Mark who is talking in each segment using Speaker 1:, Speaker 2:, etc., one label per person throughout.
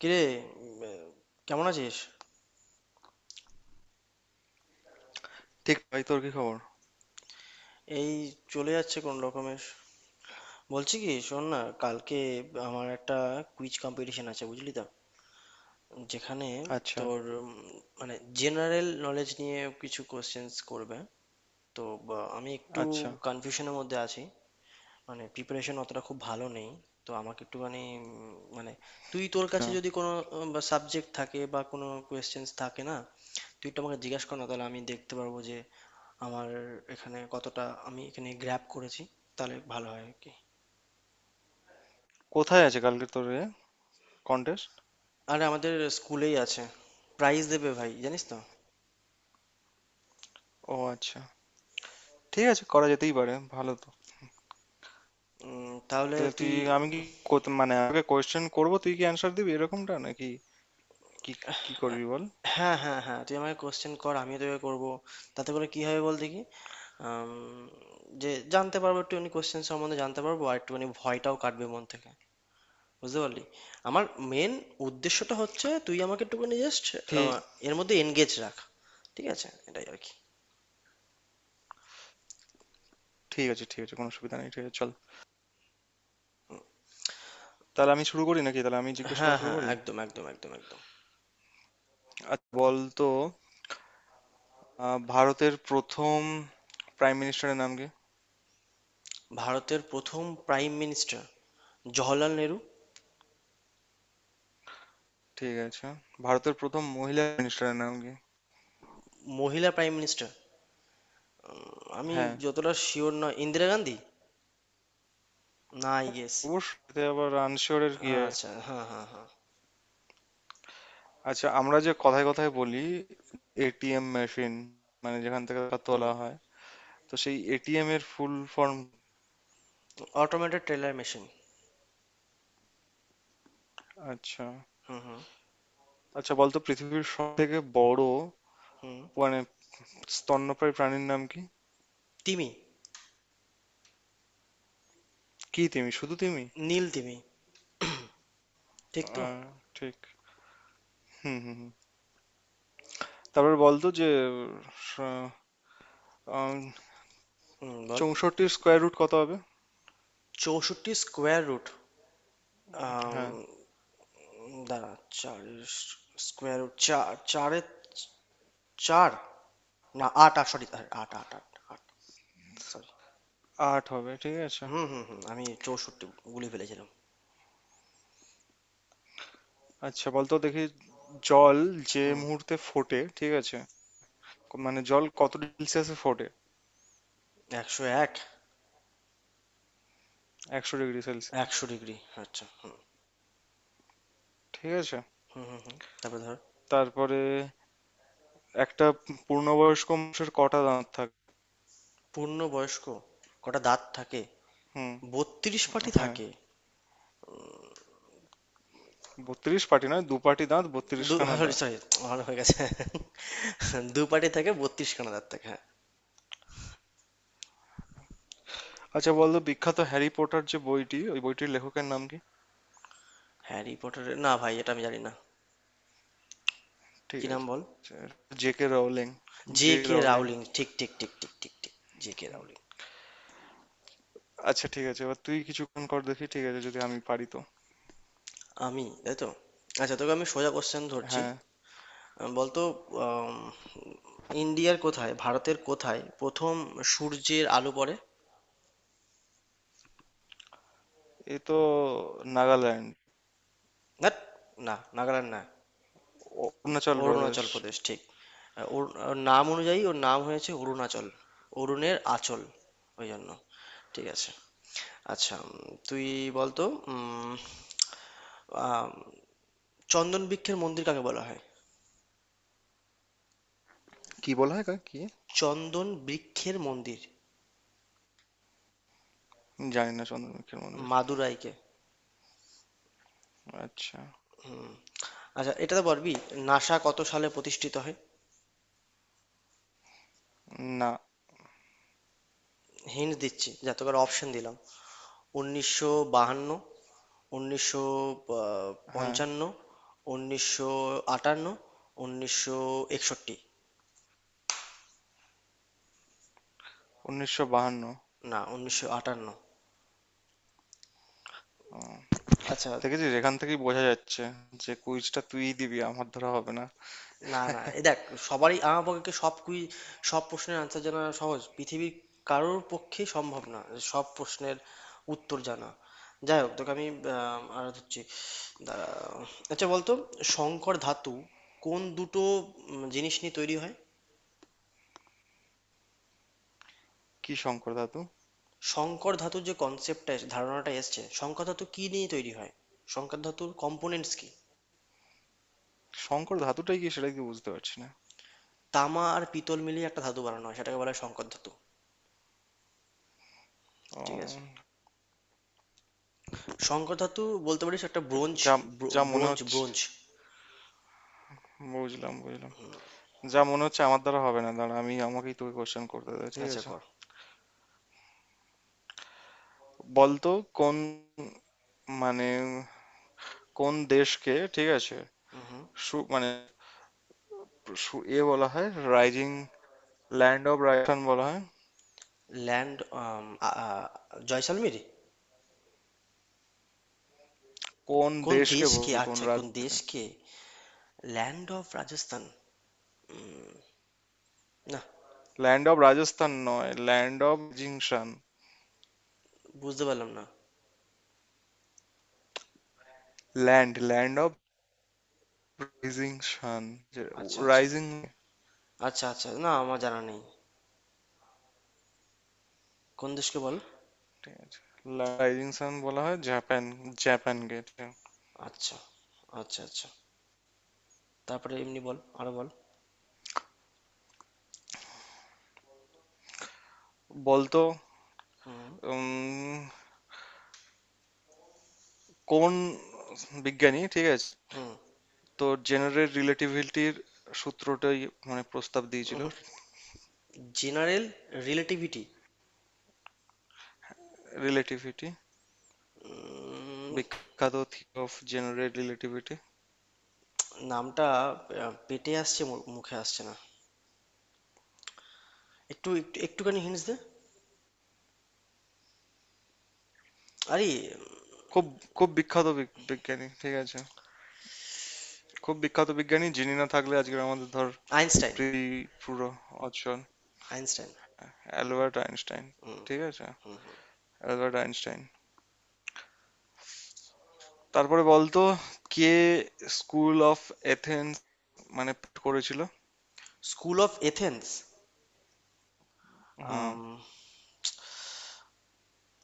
Speaker 1: কিরে, কেমন আছিস?
Speaker 2: ঠিক ভাই, তোর কি খবর?
Speaker 1: এই চলে যাচ্ছে কোন রকমের। বলছি কি, শোন না, কালকে আমার একটা কুইজ কম্পিটিশন আছে বুঝলি তো, যেখানে
Speaker 2: আচ্ছা।
Speaker 1: তোর মানে জেনারেল নলেজ নিয়ে কিছু কোশ্চেন্স করবে। তো আমি একটু
Speaker 2: আচ্ছা।
Speaker 1: কনফিউশনের মধ্যে আছি, মানে প্রিপারেশন অতটা খুব ভালো নেই। তো আমাকে একটুখানি মানে তুই তোর
Speaker 2: না।
Speaker 1: কাছে যদি কোনো সাবজেক্ট থাকে বা কোনো কোয়েশ্চেন্স থাকে না, তুই একটু আমাকে জিজ্ঞাসা কর না, তাহলে আমি দেখতে পারবো যে আমার এখানে কতটা আমি এখানে গ্র্যাব করেছি, তাহলে ভালো হয় আর কি।
Speaker 2: কোথায় আছে কালকে তোর কন্টেস্ট?
Speaker 1: আর আমাদের স্কুলেই আছে। প্রাইজ দেবে ভাই, জানিস তো।
Speaker 2: ও আচ্ছা। ঠিক আছে, করা যেতেই পারে, ভালো তো।
Speaker 1: তাহলে
Speaker 2: তাহলে তুই
Speaker 1: তুই,
Speaker 2: আমি কি মানে আমাকে কোয়েশ্চেন করবো, তুই কি অ্যান্সার দিবি, এরকমটা নাকি? কি কি করবি বল।
Speaker 1: হ্যাঁ হ্যাঁ হ্যাঁ, তুই আমাকে কোশ্চেন কর, আমিও তোকে করব। তাতে করে কি হবে বল দেখি, আম, যে জানতে পারবো একটুখানি, কোশ্চেন সম্বন্ধে জানতে পারবো, আর একটুখানি ভয়টাও কাটবে মন থেকে, বুঝতে পারলি? আমার মেন উদ্দেশ্যটা হচ্ছে, তুই আমাকে একটুখানি জাস্ট
Speaker 2: ঠিক
Speaker 1: এর মধ্যে এনগেজ রাখ। ঠিক আছে, এটাই আর কি।
Speaker 2: ঠিক আছে। ঠিক আছে, কোনো অসুবিধা নেই, ঠিক আছে, চল। তাহলে আমি শুরু করি নাকি, তাহলে আমি জিজ্ঞেস করা
Speaker 1: হ্যাঁ
Speaker 2: শুরু
Speaker 1: হ্যাঁ,
Speaker 2: করি।
Speaker 1: একদম একদম একদম একদম।
Speaker 2: আচ্ছা বল তো, ভারতের প্রথম প্রাইম মিনিস্টারের নাম কি?
Speaker 1: ভারতের প্রথম প্রাইম মিনিস্টার জওহরলাল নেহরু।
Speaker 2: ঠিক আছে। ভারতের প্রথম মহিলা মিনিস্টারের নাম কি?
Speaker 1: মহিলা প্রাইম মিনিস্টার, আমি
Speaker 2: হ্যাঁ।
Speaker 1: যতটা শিওর নয়, ইন্দিরা গান্ধী, না আই গেস।
Speaker 2: অবশ্যই, এতে আবার আনশিওরের কি আছে?
Speaker 1: আচ্ছা হ্যাঁ হ্যাঁ হ্যাঁ।
Speaker 2: আচ্ছা, আমরা যে কথায় কথায় বলি এটিএম মেশিন, মানে যেখান থেকে টাকা
Speaker 1: হুম।
Speaker 2: তোলা হয়, তো সেই এটিএম এর full form?
Speaker 1: Automated teller machine.
Speaker 2: আচ্ছা।
Speaker 1: হুম হুম
Speaker 2: আচ্ছা, বলতো পৃথিবীর সব থেকে বড়
Speaker 1: হুম।
Speaker 2: মানে স্তন্যপায়ী প্রাণীর নাম কি?
Speaker 1: তিমি।
Speaker 2: কি, তিমি? শুধু তিমি?
Speaker 1: নীল তিমি, ঠিক তো?
Speaker 2: আহ, ঠিক। হুম হুম হুম। তারপরে বলতো যে স- আম,
Speaker 1: হুম, বল।
Speaker 2: 64-র স্কোয়ার রুট কত হবে?
Speaker 1: চৌষট্টি স্কোয়ার রুট,
Speaker 2: হ্যাঁ।
Speaker 1: দাঁড়া। চার, স্কোয়ার রুট চার চারে চার, না আট, আট, সরি। আট আট আট, আট, সরি।
Speaker 2: আট হবে, ঠিক আছে।
Speaker 1: হুম হুম হুম, আমি চৌষট্টি গুলি ফেলেছিলাম।
Speaker 2: আচ্ছা বলতো দেখি, জল যে
Speaker 1: হুম।
Speaker 2: মুহূর্তে ফোটে, ঠিক আছে, মানে জল কত সেলসিয়াসে ফোটে?
Speaker 1: ১০১?
Speaker 2: 100 ডিগ্রি সেলসিয়াস।
Speaker 1: ১০০ ডিগ্রি। আচ্ছা, হুম
Speaker 2: ঠিক আছে।
Speaker 1: হুম হুম হুম। তারপর ধর,
Speaker 2: তারপরে একটা পূর্ণবয়স্ক মানুষের কটা দাঁত থাকে?
Speaker 1: পূর্ণবয়স্ক কটা দাঁত থাকে?
Speaker 2: হুম।
Speaker 1: ৩২ পাটি
Speaker 2: হ্যাঁ,
Speaker 1: থাকে।
Speaker 2: 32 পাটি নয়, দু পাটি দাঁত, 32
Speaker 1: দু
Speaker 2: খানা
Speaker 1: সরি
Speaker 2: দাঁত।
Speaker 1: সরি, আমার হয়ে গেছে। দু পাটি থাকে, ৩২ খানা দাঁত থাকে, হ্যাঁ।
Speaker 2: আচ্ছা, বলতো বিখ্যাত হ্যারি পটার যে বইটি, ওই বইটির লেখকের নাম কি?
Speaker 1: হ্যারি পটারের, না ভাই এটা আমি জানি না।
Speaker 2: ঠিক
Speaker 1: কি নাম
Speaker 2: আছে।
Speaker 1: বল।
Speaker 2: J K Rowling.
Speaker 1: J
Speaker 2: J K
Speaker 1: K
Speaker 2: Rowling.
Speaker 1: Rowling, ঠিক ঠিক ঠিক ঠিক ঠিক ঠিক। J K Rowling.
Speaker 2: আচ্ছা, ঠিক আছে, এবার তুই কিছুক্ষণ কর দেখি, ঠিক আছে, যদি আমি পারি তো।
Speaker 1: আমি তাই তো। আচ্ছা, তোকে আমি সোজা কোশ্চেন ধরছি।
Speaker 2: হ্যাঁ।
Speaker 1: বলতো, আম, ইন্ডিয়ার কোথায়, ভারতের কোথায় প্রথম সূর্যের আলো পড়ে?
Speaker 2: এ তো নাগাল্যান্ড।
Speaker 1: ধ্যাৎ, না নাগাল্যান্ড না,
Speaker 2: অরুণাচল প্রদেশ।
Speaker 1: অরুণাচল প্রদেশ, ঠিক। ওর, ওর নাম অনুযায়ী ওর নাম হয়েছে অরুণাচল, অরুণের আঁচল, ওই জন্য। ঠিক আছে। আচ্ছা, তুই বলতো, উম, আম, চন্দন বৃক্ষের মন্দির কাকে বলা হয়?
Speaker 2: কি বলা হয় কাকে? কি?
Speaker 1: চন্দন বৃক্ষের মন্দির,
Speaker 2: জানি না, চন্দ্রমুখীর মন্দির।
Speaker 1: মাদুরাইকে।
Speaker 2: আচ্ছা।
Speaker 1: হুম। আচ্ছা এটা তো পারবি, নাসা কত সালে প্রতিষ্ঠিত হয়?
Speaker 2: না।
Speaker 1: হিন্ট দিচ্ছি, যা তোকে অপশন দিলাম: উনিশশো বাহান্ন, উনিশশো
Speaker 2: হ্যাঁ।
Speaker 1: পঞ্চান্ন, উনিশশো আটান্ন, উনিশশো একষট্টি।
Speaker 2: 1952।
Speaker 1: না, 1958।
Speaker 2: ও।
Speaker 1: আচ্ছা।
Speaker 2: দেখেছিস, এখান থেকেই বোঝা যাচ্ছে যে কুইজটা তুই দিবি আমার ধরা হবে না।
Speaker 1: না না এ দেখ, সবারই, আমার পক্ষে সব সব প্রশ্নের আনসার জানা, সহজ পৃথিবীর কারোর পক্ষেই সম্ভব না সব প্রশ্নের উত্তর জানা। যাই হোক, তোকে আমি আর হচ্ছে, দাঁড়া। আচ্ছা বলতো, সংকর ধাতু কোন দুটো জিনিস নিয়ে তৈরি হয়?
Speaker 2: কি, শঙ্কর ধাতু?
Speaker 1: সংকর ধাতুর যে কনসেপ্টটা, ধারণাটা এসছে, সংকর ধাতু কি নিয়ে তৈরি হয়, সংকর ধাতুর কম্পোনেন্টস কি?
Speaker 2: শঙ্কর ধাতুটাই কি সেটা কি বুঝতে পারছি না।
Speaker 1: তামা আর পিতল মিলিয়ে একটা ধাতু বানানো হয়, সেটাকে বলা হয় সংকর ধাতু।
Speaker 2: ও।
Speaker 1: ঠিক আছে, শঙ্কর ধাতু বলতে পারিস একটা ব্রোঞ্জ।
Speaker 2: যা, যা মনে
Speaker 1: ব্রোঞ্জ
Speaker 2: হচ্ছে,
Speaker 1: ব্রোঞ্জ
Speaker 2: বুঝলাম বুঝলাম, যা মনে হচ্ছে আমার দ্বারা হবে না, দাঁড়া, আমি আমাকেই তোকে কোশ্চেন করতে দে, ঠিক
Speaker 1: আচ্ছা
Speaker 2: আছে।
Speaker 1: কর।
Speaker 2: বলতো কোন মানে কোন দেশকে, ঠিক আছে,
Speaker 1: হুম।
Speaker 2: মানে এ বলা হয় রাইজিং, ল্যান্ড অফ রাজস্থান বলা হয়?
Speaker 1: ল্যান্ড, জয়সালমির।
Speaker 2: কোন
Speaker 1: কোন
Speaker 2: দেশকে
Speaker 1: দেশকে?
Speaker 2: বলি, কোন
Speaker 1: আচ্ছা, কোন
Speaker 2: রাজ্যকে?
Speaker 1: দেশকে? ল্যান্ড অফ রাজস্থান, না।
Speaker 2: ল্যান্ড অফ রাজস্থান নয়, ল্যান্ড অফ জিংশান।
Speaker 1: বুঝতে পারলাম না।
Speaker 2: ল্যান্ড অফ রাইজিং সান,
Speaker 1: আচ্ছা আচ্ছা,
Speaker 2: রাইজিং।
Speaker 1: আচ্ছা আচ্ছা, না আমার জানা নেই, কোন দেশকে বল।
Speaker 2: রাইজিং সান বলা হয় জাপান, জাপানকে এটা।
Speaker 1: আচ্ছা আচ্ছা আচ্ছা। তারপরে এমনি বল, আরো বল।
Speaker 2: বলতো
Speaker 1: হুম
Speaker 2: উম, কোন বিজ্ঞানী, ঠিক আছে,
Speaker 1: হুম।
Speaker 2: তো জেনারেল রিলেটিভিটির সূত্রটাই মানে প্রস্তাব দিয়েছিল?
Speaker 1: জেনারেল রিলেটিভিটি,
Speaker 2: রিলেটিভিটি, বিখ্যাত থিওরি অফ জেনারেল রিলেটিভিটি।
Speaker 1: নামটা পেটে আসছে, মুখে আসছে না, একটু একটু একটুখানি হিন্টস দে আরে।
Speaker 2: খুব খুব বিখ্যাত বিজ্ঞানী, ঠিক আছে। খুব বিখ্যাত বিজ্ঞানী যিনি না থাকলে আজকে আমাদের, ধর,
Speaker 1: আইনস্টাইন।
Speaker 2: পৃথিবী পুরো অচল।
Speaker 1: আইনস্টাইন।
Speaker 2: Albert Einstein. ঠিক আছে। Albert Einstein. তারপরে বলতো কে স্কুল অফ এথেন্স মানে করেছিল?
Speaker 1: স্কুল অফ এথেন্স,
Speaker 2: হুম।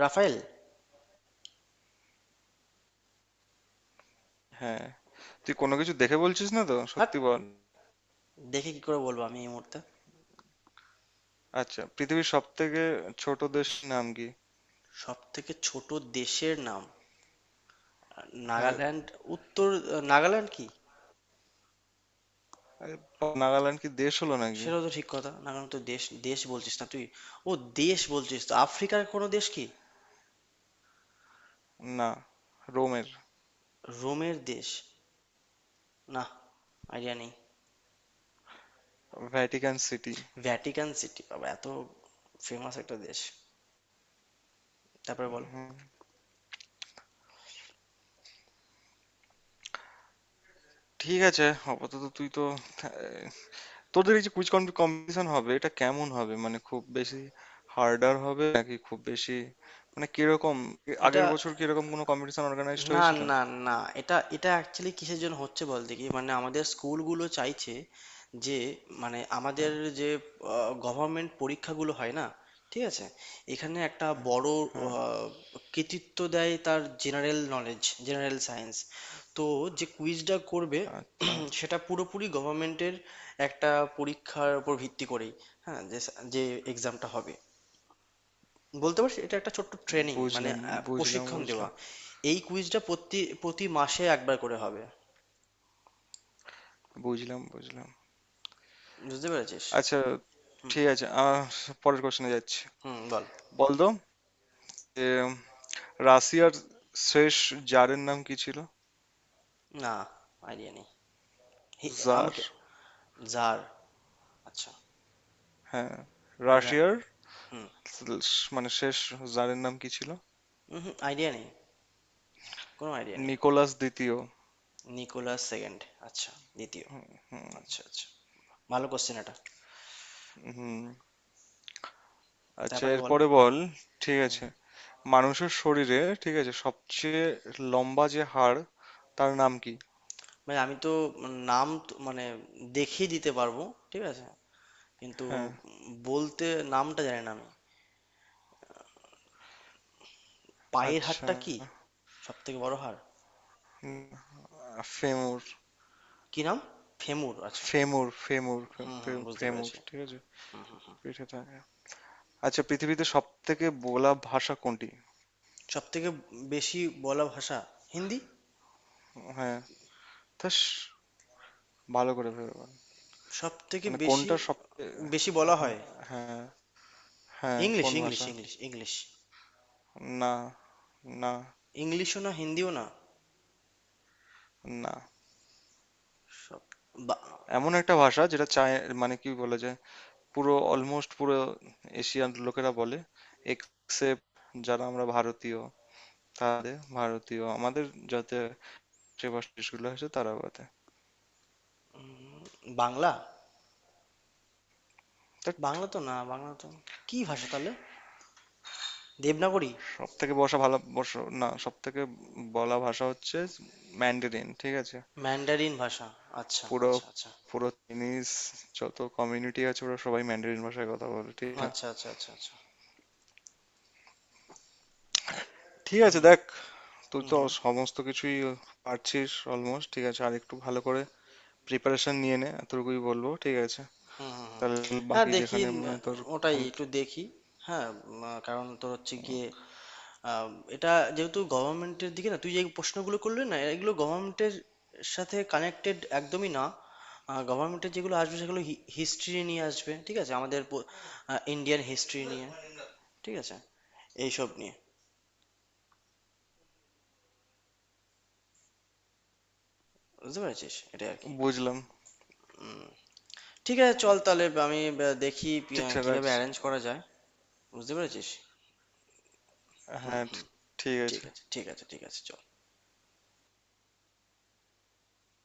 Speaker 1: রাফায়েল।
Speaker 2: হ্যাঁ। তুই কোনো কিছু দেখে বলছিস না তো,
Speaker 1: হাট,
Speaker 2: সত্যি বল।
Speaker 1: দেখে কি করে বলবো আমি এই মুহূর্তে?
Speaker 2: আচ্ছা, পৃথিবীর সব থেকে ছোট দেশ নাম কি?
Speaker 1: সব থেকে ছোট দেশের নাম
Speaker 2: হ্যাঁ।
Speaker 1: নাগাল্যান্ড। উত্তর, নাগাল্যান্ড কি?
Speaker 2: আরে বাবা, নাগাল্যান্ড কি দেশ হলো নাকি?
Speaker 1: সেটাও তো ঠিক কথা, নাগাল্যান্ড তো দেশ। দেশ বলছিস না তুই, ও, দেশ বলছিস তো। আফ্রিকার কোনো দেশ কি?
Speaker 2: না, রোমের।
Speaker 1: রোমের দেশ? না, আইডিয়া নেই।
Speaker 2: Vatican city.
Speaker 1: ভ্যাটিকান সিটি, বাবা, এত ফেমাস একটা দেশ! তারপরে বল।
Speaker 2: হুম। ঠিক আছে। আপাতত তুই তো, তোদের এই যে কুইজ কম্পিটিশন হবে, এটা কেমন হবে, মানে খুব বেশি হার্ডার হবে নাকি, খুব বেশি মানে কিরকম,
Speaker 1: এটা,
Speaker 2: আগের বছর কিরকম কোনো কম্পিটিশন অর্গানাইজড
Speaker 1: না
Speaker 2: হয়েছিল?
Speaker 1: না না, এটা এটা অ্যাকচুয়ালি কিসের জন্য হচ্ছে বলতে কি, মানে আমাদের স্কুলগুলো চাইছে যে, মানে আমাদের,
Speaker 2: হ্যাঁ।
Speaker 1: যে গভর্নমেন্ট পরীক্ষাগুলো হয় না, ঠিক আছে, এখানে একটা
Speaker 2: হ্যাঁ।
Speaker 1: বড়
Speaker 2: হ্যাঁ।
Speaker 1: আহ, কৃতিত্ব দেয় তার জেনারেল নলেজ, জেনারেল সায়েন্স, তো যে কুইজটা করবে
Speaker 2: আচ্ছা।
Speaker 1: সেটা পুরোপুরি গভর্নমেন্টের একটা পরীক্ষার উপর ভিত্তি করেই। হ্যাঁ, যে যে এক্সামটা হবে, বলতে পারছি এটা একটা ছোট্ট ট্রেনিং, মানে
Speaker 2: বুঝলাম, বুঝলাম,
Speaker 1: প্রশিক্ষণ
Speaker 2: বুঝলাম,
Speaker 1: দেওয়া। এই কুইজটা প্রতি প্রতি মাসে একবার করে হবে।
Speaker 2: বুঝলাম, বুঝলাম।
Speaker 1: বুঝতে পেরেছিস।
Speaker 2: আচ্ছা, ঠিক আছে, পরের কোশ্চেনে যাচ্ছি।
Speaker 1: হুম, বল।
Speaker 2: বল তো যে রাশিয়ার শেষ জারের নাম কি ছিল?
Speaker 1: না, আইডিয়া নেই।
Speaker 2: জার।
Speaker 1: আমাকে জার, আচ্ছা,
Speaker 2: হ্যাঁ,
Speaker 1: জার
Speaker 2: রাশিয়ার
Speaker 1: হুম
Speaker 2: মানে শেষ জারের নাম কি ছিল?
Speaker 1: হুম। আইডিয়া নেই, কোনো আইডিয়া নেই।
Speaker 2: নিকোলাস দ্বিতীয়।
Speaker 1: নিকোলাস সেকেন্ড, আচ্ছা, দ্বিতীয়, আচ্ছা আচ্ছা। ভালো কোশ্চেন এটা।
Speaker 2: হুম। আচ্ছা,
Speaker 1: তারপরে বল।
Speaker 2: এরপরে বল। ঠিক আছে। মানুষের শরীরে, ঠিক আছে, সবচেয়ে লম্বা যে হাড়, তার নাম কি?
Speaker 1: মানে আমি তো নাম তো, মানে দেখিয়ে দিতে পারবো, ঠিক আছে, কিন্তু
Speaker 2: হ্যাঁ।
Speaker 1: বলতে নামটা জানি না আমি। পায়ের
Speaker 2: আচ্ছা।
Speaker 1: হাড়টা কি সব থেকে বড় হাড়?
Speaker 2: উম, ফেমur।
Speaker 1: কি নাম? ফেমুর, আচ্ছা।
Speaker 2: ফেমur ফেমur ফে-
Speaker 1: হুম হুম,
Speaker 2: ফে-
Speaker 1: বুঝতে
Speaker 2: ফেমur,
Speaker 1: পেরেছি।
Speaker 2: ঠিক আছে। পিঠে থাকে। আচ্ছা, পৃথিবীতে সব থেকে বলা ভাষা কোনটি?
Speaker 1: সবথেকে বেশি বলা ভাষা হিন্দি।
Speaker 2: হ্যাঁ। তাস, ভালো করে ভেবে বল।
Speaker 1: সবথেকে
Speaker 2: মানে
Speaker 1: বেশি,
Speaker 2: কোনটা সব?
Speaker 1: বেশি বলা
Speaker 2: হ্যাঁ।
Speaker 1: হয়,
Speaker 2: হ্যাঁ। হ্যাঁ,
Speaker 1: ইংলিশ
Speaker 2: কোন
Speaker 1: ইংলিশ
Speaker 2: ভাষা?
Speaker 1: English English.
Speaker 2: না। না।
Speaker 1: ইংলিশও না, হিন্দিও না,
Speaker 2: না।
Speaker 1: সব, বা-
Speaker 2: এমন একটা ভাষা যেটা চায়, মানে কি বলে যে পুরো অলমোস্ট পুরো এশিয়ান লোকেরা বলে, এক্সেপ্ট যারা আমরা ভারতীয়, তাদের ভারতীয় আমাদের, যাতে যে ভাষা দেশগুলো আছে তারা বলে।
Speaker 1: বাংলা।
Speaker 2: বাট
Speaker 1: বাংলা তো না, বাংলা তো, কি ভাষা তাহলে, দেবনাগরী?
Speaker 2: সব থেকে বসা, ভালো, বসা না, সব থেকে বলা ভাষা হচ্ছে ম্যান্ডারিন, ঠিক আছে।
Speaker 1: ম্যান্ডারিন ভাষা, আচ্ছা
Speaker 2: পুরো,
Speaker 1: আচ্ছা আচ্ছা
Speaker 2: পুরো চাইনিজ যত কমিউনিটি আছে ওরা সবাই ম্যান্ডারিন ভাষায় কথা বলে, ঠিক আছে।
Speaker 1: আচ্ছা, আচ্ছা আচ্ছা আচ্ছা।
Speaker 2: ঠিক আছে,
Speaker 1: হুম
Speaker 2: দেখ, তুই
Speaker 1: হুম
Speaker 2: তো
Speaker 1: হুম
Speaker 2: সমস্ত কিছুই পারছিস অলমোস্ট, ঠিক আছে। আর একটু ভালো করে প্রিপারেশন নিয়ে নে, এতটুকুই বলবো, ঠিক আছে।
Speaker 1: হুম হুম হুম।
Speaker 2: তাহলে
Speaker 1: হ্যাঁ
Speaker 2: বাকি
Speaker 1: দেখি,
Speaker 2: যেখানে মনে হয় তোর
Speaker 1: ওটাই
Speaker 2: ক্ষমতা।
Speaker 1: একটু দেখি। হ্যাঁ, কারণ তোর হচ্ছে গিয়ে আহ, এটা যেহেতু গভর্নমেন্টের দিকে, না, তুই যে প্রশ্নগুলো করলি না, এগুলো গভর্নমেন্টের সাথে কানেক্টেড একদমই না। গভর্নমেন্টের যেগুলো আসবে সেগুলো হিস্ট্রি নিয়ে আসবে, ঠিক আছে, আমাদের ইন্ডিয়ান হিস্ট্রি নিয়ে, ঠিক আছে, এইসব নিয়ে। বুঝতে পেরেছিস, এটাই আর কি।
Speaker 2: বুঝলাম।
Speaker 1: উম, ঠিক আছে চল, তাহলে আমি দেখি
Speaker 2: ঠিক আছে, রাখ।
Speaker 1: কিভাবে অ্যারেঞ্জ করা যায়, বুঝতে পেরেছিস। হুম
Speaker 2: হ্যাঁ।
Speaker 1: হুম,
Speaker 2: ঠিক
Speaker 1: ঠিক
Speaker 2: আছে।
Speaker 1: আছে, ঠিক আছে ঠিক আছে, চল।